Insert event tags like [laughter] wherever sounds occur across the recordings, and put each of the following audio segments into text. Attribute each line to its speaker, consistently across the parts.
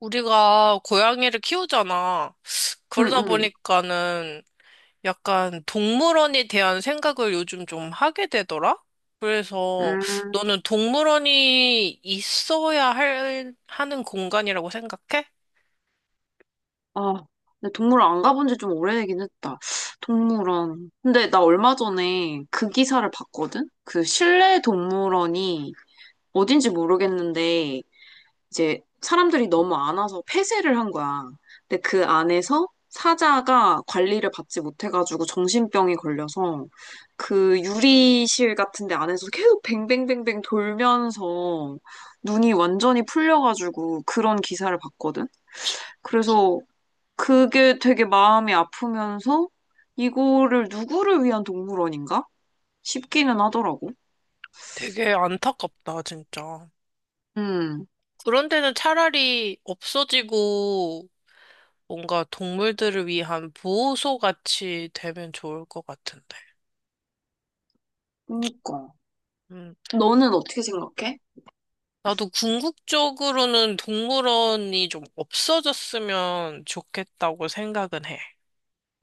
Speaker 1: 우리가 고양이를 키우잖아. 그러다
Speaker 2: 응응.
Speaker 1: 보니까는 약간 동물원에 대한 생각을 요즘 좀 하게 되더라? 그래서
Speaker 2: 음.
Speaker 1: 너는 동물원이 있어야 할, 하는 공간이라고 생각해?
Speaker 2: 아, 근데 동물원 안 가본 지 좀 오래되긴 했다. 동물원. 근데 나 얼마 전에 그 기사를 봤거든? 그 실내 동물원이 어딘지 모르겠는데 이제 사람들이 너무 안 와서 폐쇄를 한 거야. 근데 그 안에서 사자가 관리를 받지 못해가지고 정신병이 걸려서 그 유리실 같은 데 안에서 계속 뱅뱅뱅뱅 돌면서 눈이 완전히 풀려가지고 그런 기사를 봤거든. 그래서 그게 되게 마음이 아프면서 이거를 누구를 위한 동물원인가 싶기는 하더라고.
Speaker 1: 되게 안타깝다, 진짜.
Speaker 2: 음,
Speaker 1: 그런 데는 차라리 없어지고 뭔가 동물들을 위한 보호소 같이 되면 좋을 것 같은데.
Speaker 2: 그니까.
Speaker 1: 음.
Speaker 2: 너는 어떻게 생각해?
Speaker 1: 나도 궁극적으로는 동물원이 좀 없어졌으면 좋겠다고 생각은 해.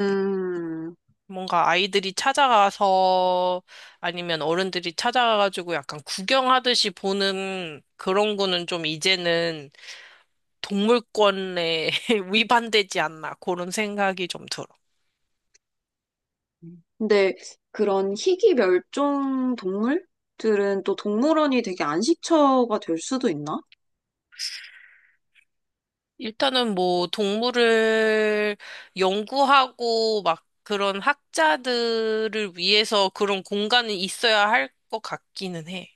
Speaker 2: 음.
Speaker 1: 뭔가 아이들이 찾아가서 아니면 어른들이 찾아가가지고 약간 구경하듯이 보는 그런 거는 좀 이제는 동물권에 [laughs] 위반되지 않나 그런 생각이 좀 들어.
Speaker 2: 근데 그런 희귀 멸종 동물들은 또 동물원이 되게 안식처가 될 수도 있나?
Speaker 1: 일단은 뭐 동물을 연구하고 막 그런 학자들을 위해서 그런 공간이 있어야 할 것 같기는 해.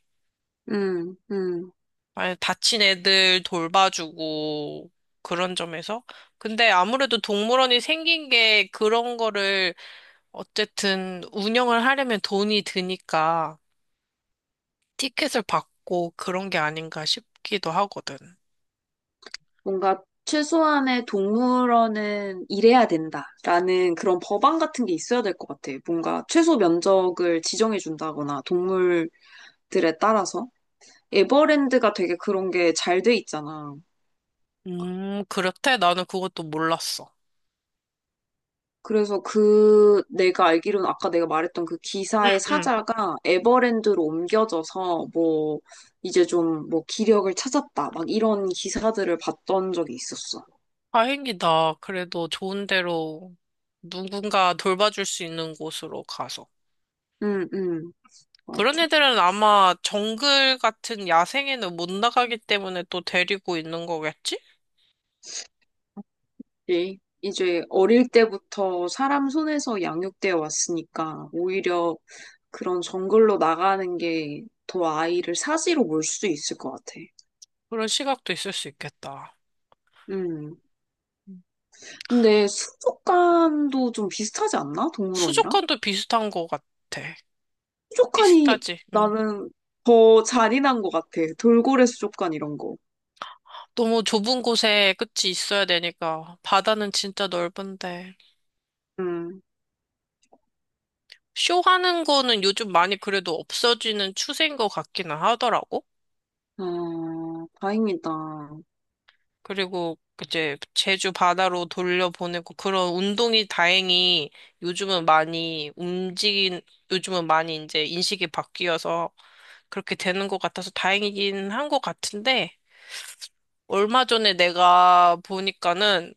Speaker 2: 음, 음.
Speaker 1: 아니, 다친 애들 돌봐주고 그런 점에서. 근데 아무래도 동물원이 생긴 게 그런 거를 어쨌든 운영을 하려면 돈이 드니까 티켓을 받고 그런 게 아닌가 싶기도 하거든.
Speaker 2: 뭔가 최소한의 동물원은 일해야 된다라는 그런 법안 같은 게 있어야 될 것 같아. 뭔가 최소 면적을 지정해 준다거나 동물들에 따라서. 에버랜드가 되게 그런 게 잘 돼 있잖아.
Speaker 1: 그렇대? 나는 그것도 몰랐어.
Speaker 2: 그래서 그 내가 알기로는 아까 내가 말했던 그
Speaker 1: 응,
Speaker 2: 기사의
Speaker 1: 응.
Speaker 2: 사자가 에버랜드로 옮겨져서 뭐 이제 좀 뭐 기력을 찾았다 막 이런 기사들을 봤던 적이 있었어.
Speaker 1: 다행이다. 그래도 좋은 데로 누군가 돌봐줄 수 있는 곳으로 가서.
Speaker 2: 응, 응,
Speaker 1: 그런
Speaker 2: 맞아.
Speaker 1: 애들은 아마 정글 같은 야생에는 못 나가기 때문에 또 데리고 있는 거겠지?
Speaker 2: 예. 이제 어릴 때부터 사람 손에서 양육되어 왔으니까 오히려 그런 정글로 나가는 게 더 아이를 사지로 몰 수도 있을 것 같아.
Speaker 1: 그런 시각도 있을 수 있겠다.
Speaker 2: 음.
Speaker 1: 음.
Speaker 2: 근데 수족관도 좀 비슷하지 않나? 동물원이랑?
Speaker 1: 수족관도 비슷한 것 같아.
Speaker 2: 수족관이
Speaker 1: 비슷하지? 응.
Speaker 2: 나는 더 잔인한 것 같아. 돌고래 수족관 이런 거.
Speaker 1: 너무 좁은 곳에 끝이 있어야 되니까. 바다는 진짜 넓은데.
Speaker 2: 음.
Speaker 1: 쇼하는 거는 요즘 많이 그래도 없어지는 추세인 것 같기는 하더라고.
Speaker 2: 아, 다행이다.
Speaker 1: 그리고 이제 제주 바다로 돌려보내고 그런 운동이 다행히 요즘은 많이 움직인, 요즘은 많이 이제 인식이 바뀌어서 그렇게 되는 것 같아서 다행이긴 한 것 같은데 얼마 전에 내가 보니까는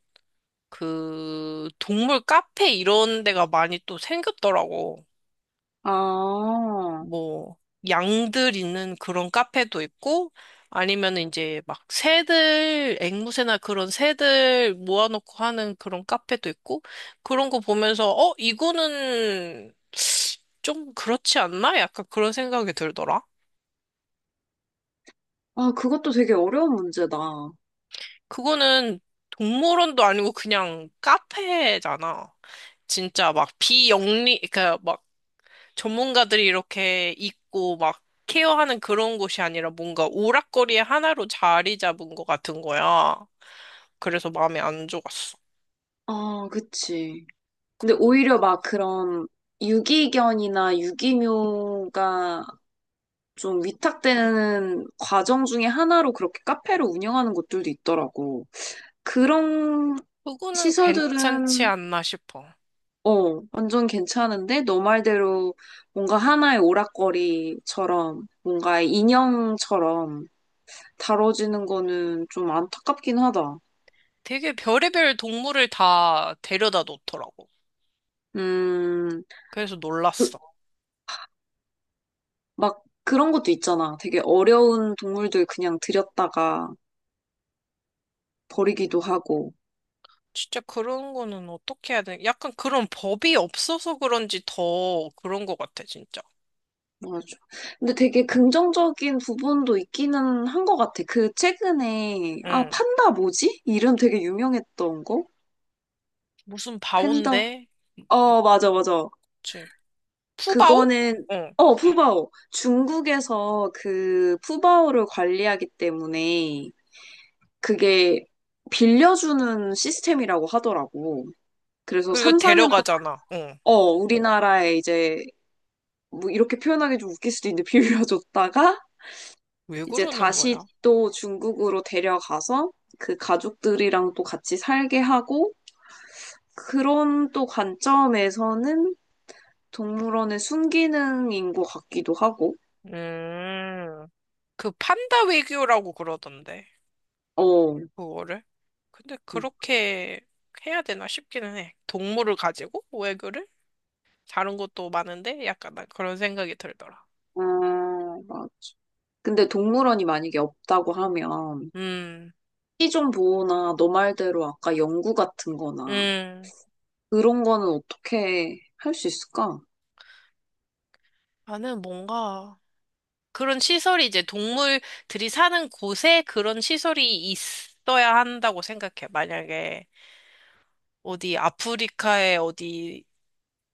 Speaker 1: 그 동물 카페 이런 데가 많이 또 생겼더라고.
Speaker 2: 아,
Speaker 1: 뭐 양들 있는 그런 카페도 있고 아니면 이제 막 새들 앵무새나 그런 새들 모아놓고 하는 그런 카페도 있고 그런 거 보면서 어 이거는 좀 그렇지 않나? 약간 그런 생각이 들더라.
Speaker 2: 아, 그것도 되게 어려운 문제다.
Speaker 1: 그거는 동물원도 아니고 그냥 카페잖아. 진짜 막 비영리 그러니까 전문가들이 이렇게 있고 막 케어하는 그런 곳이 아니라 뭔가 오락거리의 하나로 자리 잡은 것 같은 거야. 그래서 마음에 안 좋았어.
Speaker 2: 아, 그치. 근데
Speaker 1: 그거,
Speaker 2: 오히려 막 그런 유기견이나 유기묘가 좀 위탁되는 과정 중에 하나로 그렇게 카페를 운영하는 곳들도 있더라고. 그런
Speaker 1: 그거는 괜찮지
Speaker 2: 시설들은
Speaker 1: 않나 싶어.
Speaker 2: 어, 완전 괜찮은데? 너 말대로 뭔가 하나의 오락거리처럼, 뭔가의 인형처럼 다뤄지는 거는 좀 안타깝긴 하다.
Speaker 1: 되게 별의별 동물을 다 데려다 놓더라고.
Speaker 2: 음,
Speaker 1: 그래서
Speaker 2: 그,
Speaker 1: 놀랐어.
Speaker 2: 막 그런 것도 있잖아. 되게 어려운 동물들 그냥 들였다가 버리기도 하고.
Speaker 1: 진짜 그런 거는 어떻게 해야 돼? 약간 그런 법이 없어서 그런지 더 그런 것 같아, 진짜.
Speaker 2: 맞아. 근데 되게 긍정적인 부분도 있기는 한 것 같아. 그 최근에, 아,
Speaker 1: 응.
Speaker 2: 판다 뭐지? 이름 되게 유명했던 거?
Speaker 1: 무슨
Speaker 2: 팬더?
Speaker 1: 바온데?
Speaker 2: 어, 맞아, 맞아.
Speaker 1: 그치. 푸바오?
Speaker 2: 그거는
Speaker 1: 응.
Speaker 2: 어, 푸바오. 중국에서 그 푸바오를 관리하기 때문에 그게 빌려주는 시스템이라고 하더라고. 그래서
Speaker 1: 그리고
Speaker 2: 3, 4년 동안
Speaker 1: 데려가잖아. 응.
Speaker 2: 어, 우리나라에 이제 뭐 이렇게 표현하기 좀 웃길 수도 있는데 [laughs] 빌려줬다가
Speaker 1: 왜
Speaker 2: 이제
Speaker 1: 그러는
Speaker 2: 다시
Speaker 1: 거야?
Speaker 2: 또 중국으로 데려가서 그 가족들이랑 또 같이 살게 하고 그런 또 관점에서는 동물원의 순기능인 것 같기도 하고.
Speaker 1: 음, 그 판다 외교라고 그러던데,
Speaker 2: 어.
Speaker 1: 그거를. 근데 그렇게 해야 되나 싶기는 해. 동물을 가지고 외교를? 다른 것도 많은데 약간 난 그런 생각이 들더라.
Speaker 2: 어, 막, 근데 동물원이 만약에 없다고 하면
Speaker 1: 음,
Speaker 2: 시종 보호나 너 말대로 아까 연구 같은 거나
Speaker 1: 음.
Speaker 2: 그런 거는 어떻게 할 수 있을까?
Speaker 1: 나는 뭔가 그런 시설이 이제 동물들이 사는 곳에 그런 시설이 있어야 한다고 생각해. 만약에 어디 아프리카의 어디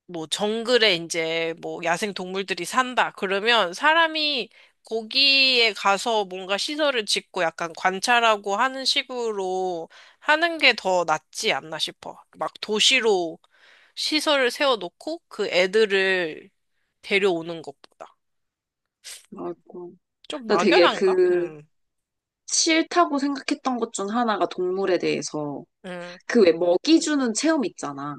Speaker 1: 뭐 정글에 이제 뭐 야생 동물들이 산다. 그러면 사람이 거기에 가서 뭔가 시설을 짓고 약간 관찰하고 하는 식으로 하는 게 더 낫지 않나 싶어. 막 도시로 시설을 세워놓고 그 애들을 데려오는 것보다.
Speaker 2: 아이고.
Speaker 1: 좀
Speaker 2: 나 되게
Speaker 1: 막연한가?
Speaker 2: 그 싫다고 생각했던 것 중 하나가 동물에 대해서
Speaker 1: 음,
Speaker 2: 그 왜 먹이 주는 체험 있잖아.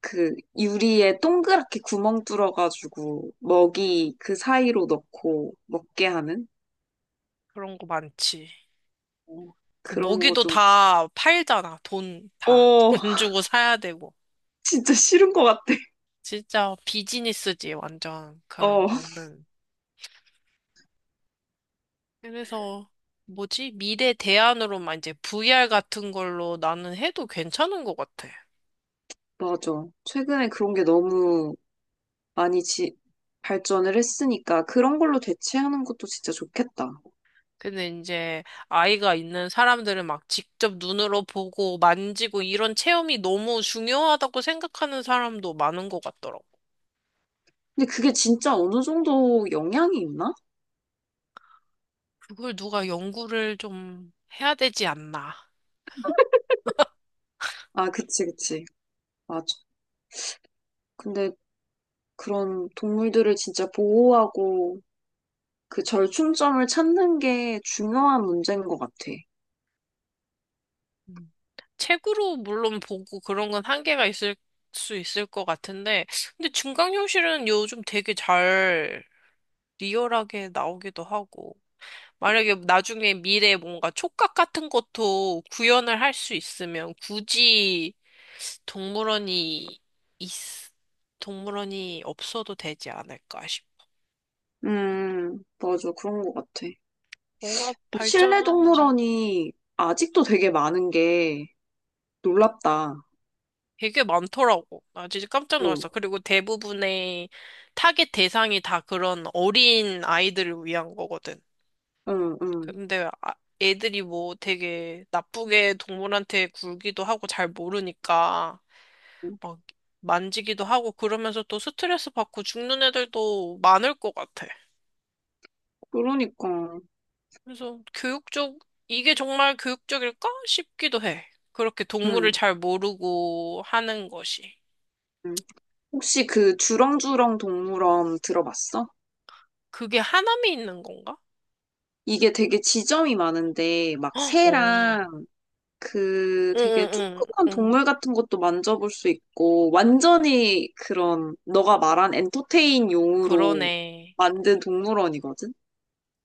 Speaker 2: 그 유리에 동그랗게 구멍 뚫어가지고 먹이 그 사이로 넣고 먹게 하는
Speaker 1: 그런 거 많지.
Speaker 2: 어,
Speaker 1: 그
Speaker 2: 그런 거
Speaker 1: 모기도
Speaker 2: 좀,
Speaker 1: 다 팔잖아. 돈 다.
Speaker 2: 어,
Speaker 1: [laughs] 돈
Speaker 2: [laughs]
Speaker 1: 주고 사야 되고.
Speaker 2: 진짜 싫은 것 같아.
Speaker 1: 진짜 비즈니스지, 완전. 그런
Speaker 2: 어.
Speaker 1: 거는. 그래서 뭐지? 미래 대안으로만 이제 VR 같은 걸로 나는 해도 괜찮은 것 같아.
Speaker 2: 맞아. 최근에 그런 게 너무 많이 발전을 했으니까 그런 걸로 대체하는 것도 진짜 좋겠다.
Speaker 1: 근데 이제 아이가 있는 사람들은 막 직접 눈으로 보고 만지고 이런 체험이 너무 중요하다고 생각하는 사람도 많은 것 같더라고.
Speaker 2: 근데 그게 진짜 어느 정도 영향이 있나?
Speaker 1: 그걸 누가 연구를 좀 해야 되지 않나.
Speaker 2: 아, 그치, 그치. 맞아. 근데 그런 동물들을 진짜 보호하고 그 절충점을 찾는 게 중요한 문제인 것 같아.
Speaker 1: 음. 책으로 물론 보고 그런 건 한계가 있을 수 있을 것 같은데, 근데 증강현실은 요즘 되게 잘 리얼하게 나오기도 하고. 만약에 나중에 미래에 뭔가 촉각 같은 것도 구현을 할 수 있으면 굳이 동물원이 있, 동물원이 없어도 되지 않을까 싶.
Speaker 2: 맞아. 그런 것 같아.
Speaker 1: 뭔가
Speaker 2: 근데 실내
Speaker 1: 발전하면 막
Speaker 2: 동물원이 아직도 되게 많은 게 놀랍다.
Speaker 1: 되게 많더라고. 나 진짜 깜짝
Speaker 2: 응,
Speaker 1: 놀랐어. 그리고 대부분의 타겟 대상이 다 그런 어린 아이들을 위한 거거든.
Speaker 2: 응, 응.
Speaker 1: 근데 아- 애들이 뭐 되게 나쁘게 동물한테 굴기도 하고 잘 모르니까. 막 만지기도 하고 그러면서 또 스트레스 받고 죽는 애들도 많을 것 같아.
Speaker 2: 그러니까.
Speaker 1: 그래서 이게 정말 교육적일까? 싶기도 해. 그렇게 동물을
Speaker 2: 응.
Speaker 1: 잘 모르고 하는 것이.
Speaker 2: 응. 혹시 그 주렁주렁 동물원 들어봤어?
Speaker 1: 그게 하남이 있는 건가?
Speaker 2: 이게 되게 지점이 많은데, 막
Speaker 1: 어.
Speaker 2: 새랑 그
Speaker 1: 응,
Speaker 2: 되게
Speaker 1: 응, 응,
Speaker 2: 조그만
Speaker 1: 응.
Speaker 2: 동물 같은 것도 만져볼 수 있고, 완전히 그런 너가 말한 엔터테인 용으로
Speaker 1: 그러네.
Speaker 2: 만든 동물원이거든?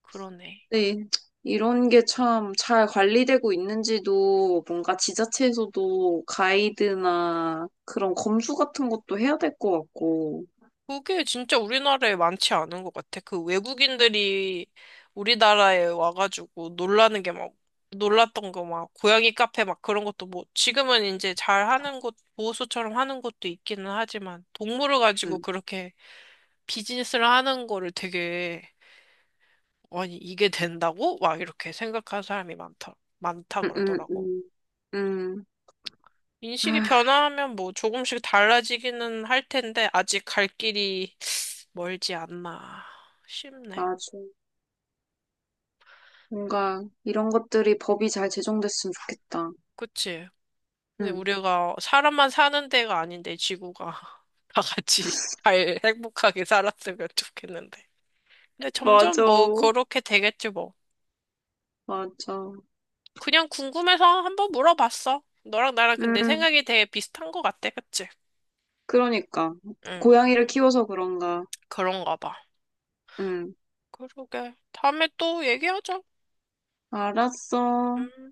Speaker 1: 그러네.
Speaker 2: 네. 이런 게 참 잘 관리되고 있는지도 뭔가 지자체에서도 가이드나 그런 검수 같은 것도 해야 될 것 같고.
Speaker 1: 그게 진짜 우리나라에 많지 않은 것 같아. 그 외국인들이 우리나라에 와가지고 놀라는 게 막, 놀랐던 거 막, 고양이 카페 막 그런 것도 뭐, 지금은 이제 잘 하는 곳, 보호소처럼 하는 곳도 있기는 하지만, 동물을 가지고
Speaker 2: 응,
Speaker 1: 그렇게 비즈니스를 하는 거를 되게, 아니, 이게 된다고? 막 이렇게 생각하는 사람이 많다, 많다
Speaker 2: 응, 응,
Speaker 1: 그러더라고.
Speaker 2: 응. 응.
Speaker 1: 인식이
Speaker 2: 아,
Speaker 1: 변화하면 뭐 조금씩 달라지기는 할 텐데, 아직 갈 길이 멀지 않나 싶네.
Speaker 2: 맞아. 뭔가 이런 것들이 법이 잘 제정됐으면 좋겠다.
Speaker 1: 그치? 근데
Speaker 2: 응,
Speaker 1: 우리가 사람만 사는 데가 아닌데 지구가 [laughs] 다 같이 잘 행복하게 살았으면 좋겠는데. 근데 점점
Speaker 2: 맞아.
Speaker 1: 뭐 그렇게 되겠지 뭐.
Speaker 2: 맞아.
Speaker 1: 그냥 궁금해서 한번 물어봤어. 너랑 나랑 근데
Speaker 2: 음,
Speaker 1: 생각이 되게 비슷한 것 같아, 그치?
Speaker 2: 그러니까.
Speaker 1: 응,
Speaker 2: 고양이를 키워서 그런가.
Speaker 1: 그런가 봐.
Speaker 2: 응,
Speaker 1: 그러게. 다음에 또 얘기하자.
Speaker 2: 알았어.
Speaker 1: 음.